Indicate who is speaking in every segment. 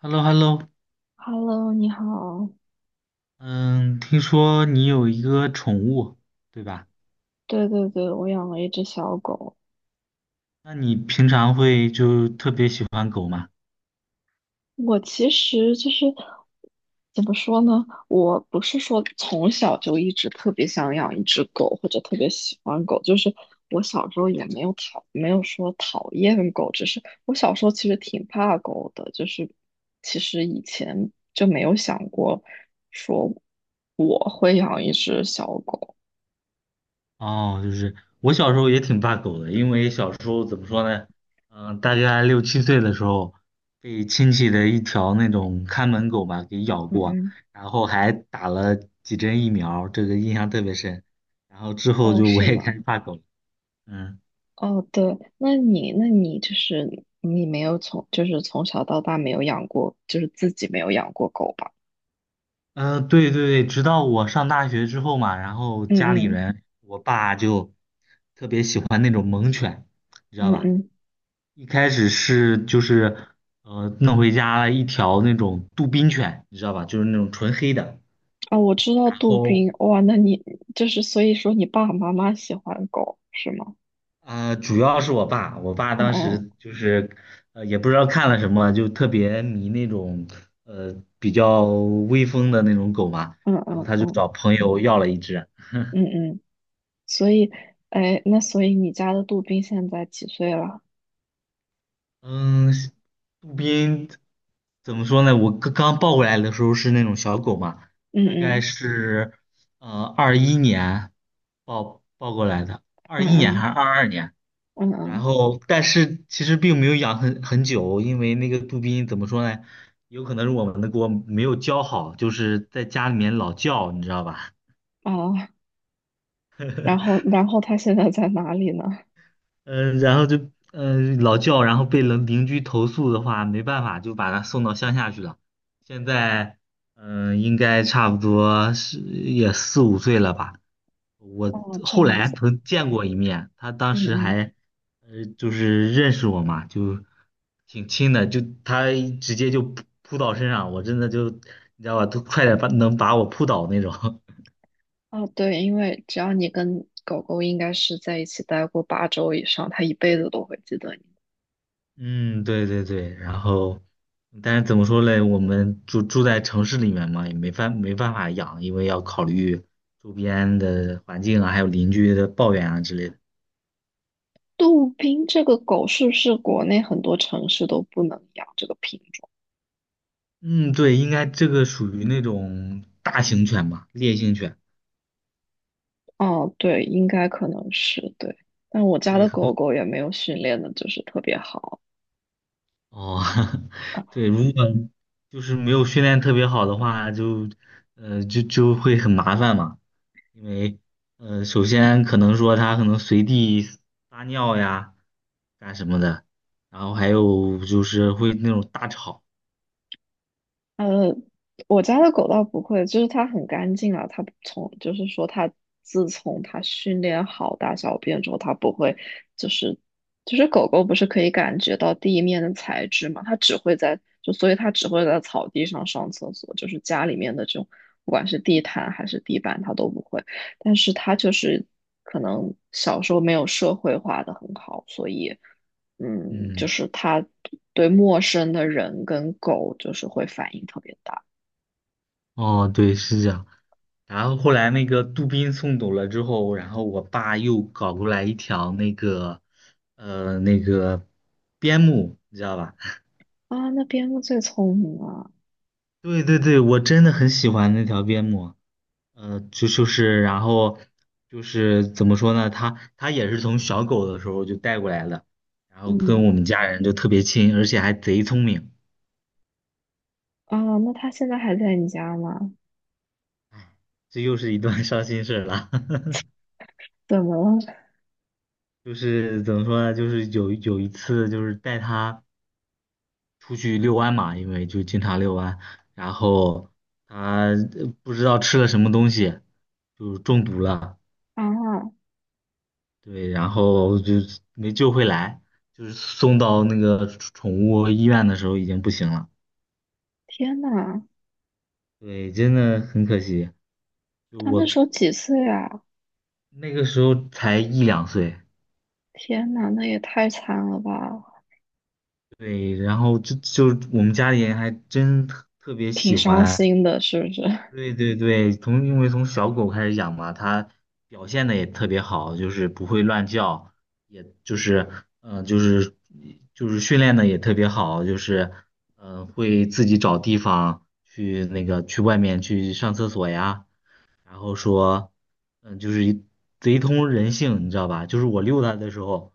Speaker 1: h e l l o h e l l o
Speaker 2: Hello，你好。
Speaker 1: 嗯，听说你有一个宠物，对吧？
Speaker 2: 对对对，我养了一只小狗。
Speaker 1: 那你平常会就特别喜欢狗吗？
Speaker 2: 我其实就是怎么说呢？我不是说从小就一直特别想养一只狗，或者特别喜欢狗。就是我小时候也没有说讨厌狗，只是我小时候其实挺怕狗的。就是其实以前就没有想过说我会养一只小狗。
Speaker 1: 哦，就是我小时候也挺怕狗的，因为小时候怎么说呢？大概六七岁的时候，被亲戚的一条那种看门狗吧给咬
Speaker 2: 嗯
Speaker 1: 过，
Speaker 2: 嗯。
Speaker 1: 然后还打了几针疫苗，这个印象特别深。然后之后
Speaker 2: 哦，
Speaker 1: 就我
Speaker 2: 是
Speaker 1: 也开
Speaker 2: 吗？
Speaker 1: 始怕狗了。嗯。
Speaker 2: 哦，对，那你就是你没有从，就是从小到大没有养过，就是自己没有养过狗吧？
Speaker 1: 对对对，直到我上大学之后嘛，然后
Speaker 2: 嗯
Speaker 1: 家里
Speaker 2: 嗯。
Speaker 1: 人，我爸就特别喜欢那种猛犬，你知道
Speaker 2: 嗯
Speaker 1: 吧？
Speaker 2: 嗯，
Speaker 1: 一开始是就是弄回家了一条那种杜宾犬，你知道吧？就是那种纯黑的。
Speaker 2: 啊，我知道
Speaker 1: 然
Speaker 2: 杜
Speaker 1: 后
Speaker 2: 宾。哇，那你就是所以说你爸爸妈妈喜欢狗是吗？
Speaker 1: 主要是我爸当
Speaker 2: 哦。
Speaker 1: 时就是也不知道看了什么，就特别迷那种比较威风的那种狗嘛，
Speaker 2: 嗯
Speaker 1: 然后
Speaker 2: 嗯
Speaker 1: 他就
Speaker 2: 嗯。
Speaker 1: 找朋友要了一只。
Speaker 2: 嗯嗯，所以，哎，那所以你家的杜宾现在几岁了？
Speaker 1: 嗯，杜宾怎么说呢？我刚刚抱过来的时候是那种小狗嘛，
Speaker 2: 嗯
Speaker 1: 大概
Speaker 2: 嗯
Speaker 1: 是二一年抱过来的，二
Speaker 2: 嗯。
Speaker 1: 一年还
Speaker 2: 嗯
Speaker 1: 是22年？
Speaker 2: 嗯
Speaker 1: 然
Speaker 2: 嗯。
Speaker 1: 后，但是其实并没有养很久，因为那个杜宾怎么说呢？有可能是我们的锅没有教好，就是在家里面老叫，你知道吧？
Speaker 2: 哦，然后他现在在哪里呢？
Speaker 1: 嗯、然后就老叫，然后被邻居投诉的话，没办法，就把他送到乡下去了。现在应该差不多是也四五岁了吧。我
Speaker 2: 哦，这
Speaker 1: 后
Speaker 2: 样
Speaker 1: 来
Speaker 2: 子。
Speaker 1: 曾见过一面，他当
Speaker 2: 嗯
Speaker 1: 时
Speaker 2: 嗯。
Speaker 1: 还就是认识我嘛，就挺亲的，就他直接就扑倒身上，我真的就你知道吧，都快点把能把我扑倒那种。
Speaker 2: 哦，对，因为只要你跟狗狗应该是在一起待过8周以上，它一辈子都会记得你。
Speaker 1: 嗯，对对对，然后，但是怎么说嘞？我们住在城市里面嘛，也没办法养，因为要考虑周边的环境啊，还有邻居的抱怨啊之类的。
Speaker 2: 杜宾这个狗是不是国内很多城市都不能养这个品种？
Speaker 1: 嗯，对，应该这个属于那种大型犬吧，烈性犬。
Speaker 2: 哦，对，应该可能是对。但我家
Speaker 1: 对，
Speaker 2: 的
Speaker 1: 很多
Speaker 2: 狗狗也没有训练的，就是特别好。
Speaker 1: 哦，对，如果就是没有训练特别好的话，就会很麻烦嘛，因为首先可能说它可能随地撒尿呀。干什么的，然后还有就是会那种大吵，
Speaker 2: 呃，我家的狗倒不会，就是它很干净啊，它不从就是说它自从它训练好大小便之后，它不会就是就是狗狗不是可以感觉到地面的材质嘛，它只会在就所以它只会在草地上上厕所，就是家里面的这种不管是地毯还是地板它都不会，但是它就是可能小时候没有社会化的很好，所以。嗯，就
Speaker 1: 嗯，
Speaker 2: 是它对陌生的人跟狗就是会反应特别大
Speaker 1: 哦，对，是这样。然后后来那个杜宾送走了之后，然后我爸又搞过来一条那个，那个边牧，你知道吧？
Speaker 2: 啊。那边牧最聪明了。
Speaker 1: 对对对，我真的很喜欢那条边牧，然后就是怎么说呢，它也是从小狗的时候就带过来的，然后跟
Speaker 2: 嗯。
Speaker 1: 我们家人就特别亲，而且还贼聪明，
Speaker 2: 啊，那它现在还在你家吗？
Speaker 1: 这又是一段伤心事儿了。
Speaker 2: 怎么了？
Speaker 1: 就是怎么说呢？就是有一次，就是带它出去遛弯嘛，因为就经常遛弯，然后它不知道吃了什么东西，就中毒了，
Speaker 2: 啊。
Speaker 1: 对，然后就没救回来，就是送到那个宠物医院的时候已经不行了，
Speaker 2: 天呐，
Speaker 1: 对，真的很可惜。就
Speaker 2: 它那
Speaker 1: 我
Speaker 2: 时候几岁啊？
Speaker 1: 那个时候才一两岁，
Speaker 2: 天呐，那也太惨了吧。
Speaker 1: 对，然后就我们家里人还真特别
Speaker 2: 挺
Speaker 1: 喜
Speaker 2: 伤
Speaker 1: 欢。
Speaker 2: 心的，是不是？
Speaker 1: 对对对，因为从小狗开始养嘛，它表现的也特别好，就是不会乱叫，也就是嗯、呃就是就是训练的也特别好，就是会自己找地方去那个去外面去上厕所呀，然后说，就是一贼通人性，你知道吧？就是我遛它的时候，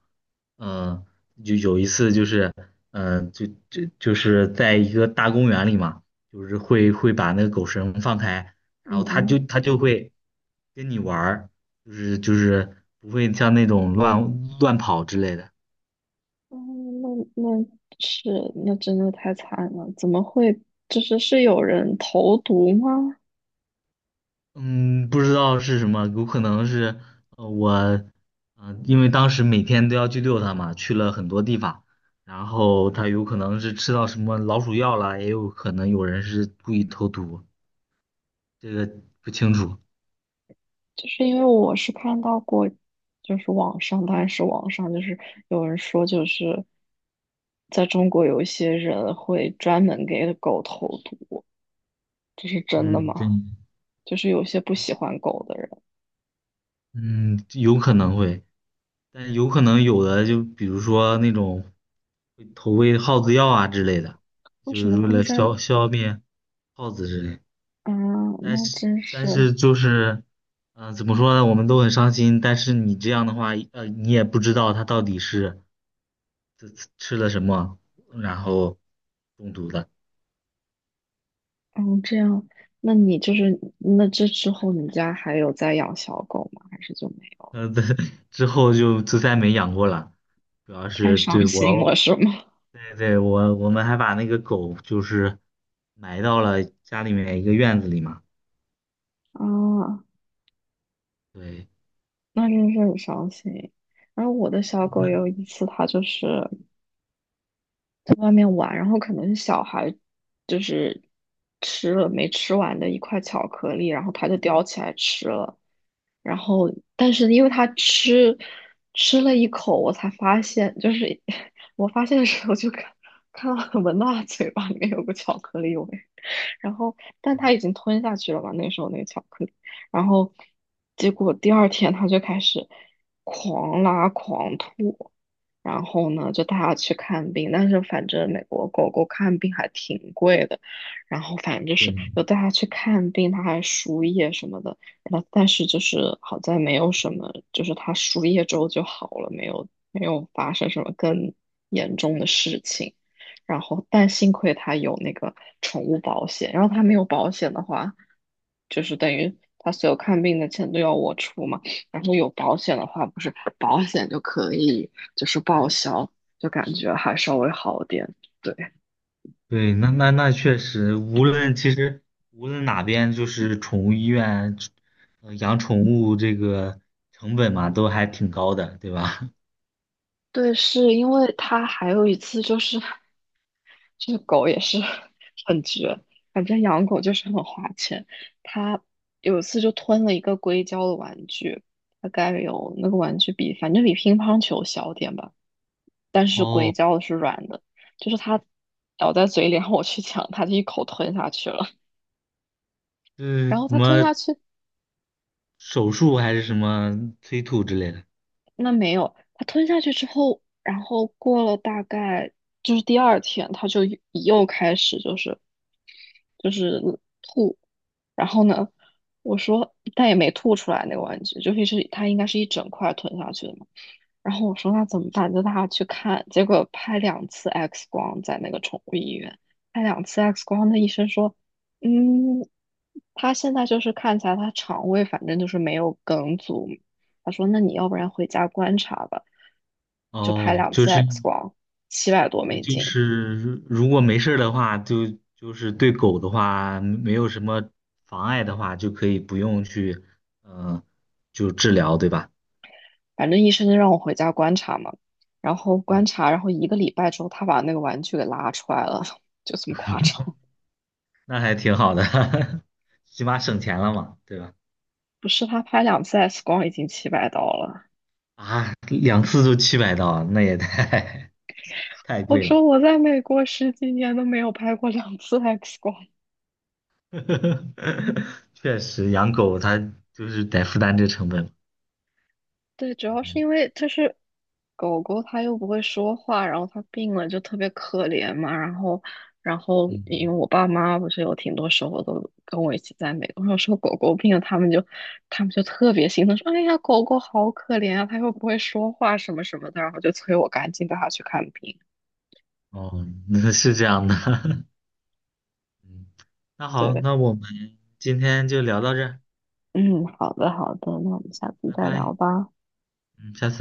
Speaker 1: 嗯，就有一次就是，就是在一个大公园里嘛，就是会把那个狗绳放开，然
Speaker 2: 嗯
Speaker 1: 后它
Speaker 2: 嗯。
Speaker 1: 就它就会跟你玩儿，就是不会像那种乱跑之类的。
Speaker 2: 哦，那那是那真的太惨了，怎么会？就是是有人投毒吗？
Speaker 1: 嗯，不知道是什么，有可能是我，因为当时每天都要去遛它嘛，去了很多地方，然后它有可能是吃到什么老鼠药了，也有可能有人是故意投毒，这个不清楚。
Speaker 2: 就是因为我是看到过，就是网上，当然是网上，就是有人说，就是在中国有一些人会专门给狗投毒，这是真的吗？
Speaker 1: 嗯，真。
Speaker 2: 就是有些不喜欢狗的人，
Speaker 1: 嗯有可能会，但有可能有的就比如说那种会投喂耗子药啊之类的，
Speaker 2: 为
Speaker 1: 就
Speaker 2: 什么
Speaker 1: 是为
Speaker 2: 会
Speaker 1: 了
Speaker 2: 在
Speaker 1: 消灭耗子之类的。
Speaker 2: 啊？
Speaker 1: 但
Speaker 2: 那
Speaker 1: 是
Speaker 2: 真
Speaker 1: 但
Speaker 2: 是。
Speaker 1: 是就是，怎么说呢？我们都很伤心。但是你这样的话，你也不知道它到底是吃了什么，然后中毒的。
Speaker 2: 嗯，这样。那你就是那这之后，你家还有在养小狗吗？还是就没有？
Speaker 1: 对，之后就再没养过了。主要
Speaker 2: 太
Speaker 1: 是
Speaker 2: 伤
Speaker 1: 对
Speaker 2: 心了，
Speaker 1: 我，
Speaker 2: 是吗？
Speaker 1: 对对，我们还把那个狗就是埋到了家里面一个院子里嘛。
Speaker 2: 啊，
Speaker 1: 对，
Speaker 2: 那真是很伤心。然后我的小狗
Speaker 1: 嗯
Speaker 2: 有一次，它就是外面玩，然后可能小孩就是吃了没吃完的一块巧克力，然后他就叼起来吃了，然后但是因为他吃了一口，我才发现，就是 我发现的时候就看到我闻到他嘴巴里面有个巧克力味，然后但他已经吞下去了嘛，那时候那个巧克力。然后结果第二天他就开始狂拉狂吐，然后呢就带他去看病，但是反正美国狗狗看病还挺贵的，然后反正就是又
Speaker 1: 对。
Speaker 2: 带他去看病，他还输液什么的，然后但是就是好在没有什么，就是他输液之后就好了，没有发生什么更严重的事情。然后但幸亏他有那个宠物保险，然后他没有保险的话，就是等于他所有看病的钱都要我出嘛，然后有保险的话，不是保险就可以就是报销，就感觉还稍微好点。对。
Speaker 1: 对，那确实，无论其实无论哪边，就是宠物医院，养宠物这个成本嘛，都还挺高的，对吧？
Speaker 2: 对，是因为他还有一次就是，这个狗也是 很绝，反正养狗就是很花钱。他有一次就吞了一个硅胶的玩具，大概有那个玩具比反正比乒乓球小点吧，但 是硅
Speaker 1: 哦，
Speaker 2: 胶的是软的，就是它咬在嘴里，然后我去抢它，就一口吞下去了。
Speaker 1: 是
Speaker 2: 然后
Speaker 1: 什
Speaker 2: 它吞
Speaker 1: 么
Speaker 2: 下去。
Speaker 1: 手术还是什么催吐之类的？
Speaker 2: 那没有，他吞下去之后，然后过了大概就是第二天，他就又开始就是吐。然后呢，我说但也没吐出来那个玩具，就是他应该是一整块吞下去的嘛。然后我说那怎么办？就带他去看，结果拍两次 X 光在那个宠物医院，拍两次 X 光，那医生说，嗯，他现在就是看起来他肠胃反正就是没有梗阻，他说那你要不然回家观察吧，就拍
Speaker 1: 哦，
Speaker 2: 两
Speaker 1: 就
Speaker 2: 次
Speaker 1: 是
Speaker 2: X 光，七百多
Speaker 1: 对，
Speaker 2: 美
Speaker 1: 就
Speaker 2: 金，
Speaker 1: 是如果没事儿的话，就是对狗的话，没有什么妨碍的话，就可以不用去，嗯，就治疗，对吧？
Speaker 2: 反正医生就让我回家观察嘛，然后观
Speaker 1: 嗯，
Speaker 2: 察，然后一个礼拜之后，他把那个玩具给拉出来了，就这么夸张。
Speaker 1: 那还挺好的，起码省钱了嘛，对吧？
Speaker 2: 不是他拍两次 X 光已经700刀了，
Speaker 1: 啊，两次都700刀，那也太 太
Speaker 2: 我
Speaker 1: 贵了。
Speaker 2: 说我在美国十几年都没有拍过两次 X 光。
Speaker 1: 确实，养狗它就是得负担这成本。
Speaker 2: 对，主要是
Speaker 1: 嗯
Speaker 2: 因为就是狗狗它又不会说话，然后它病了就特别可怜嘛。然后，然后
Speaker 1: 嗯，
Speaker 2: 因为我爸妈不是有挺多时候都跟我一起在美国，有时候狗狗病了，他们就他们就特别心疼，说："哎呀，狗狗好可怜啊，它又不会说话什么什么的。"然后就催我赶紧带它去看病。
Speaker 1: 哦，那是这样的。嗯，那好，
Speaker 2: 对。
Speaker 1: 那我们今天就聊到这儿
Speaker 2: 嗯，好的好的，那我们下次
Speaker 1: 拜
Speaker 2: 再
Speaker 1: 拜。
Speaker 2: 聊吧。
Speaker 1: 嗯，下次。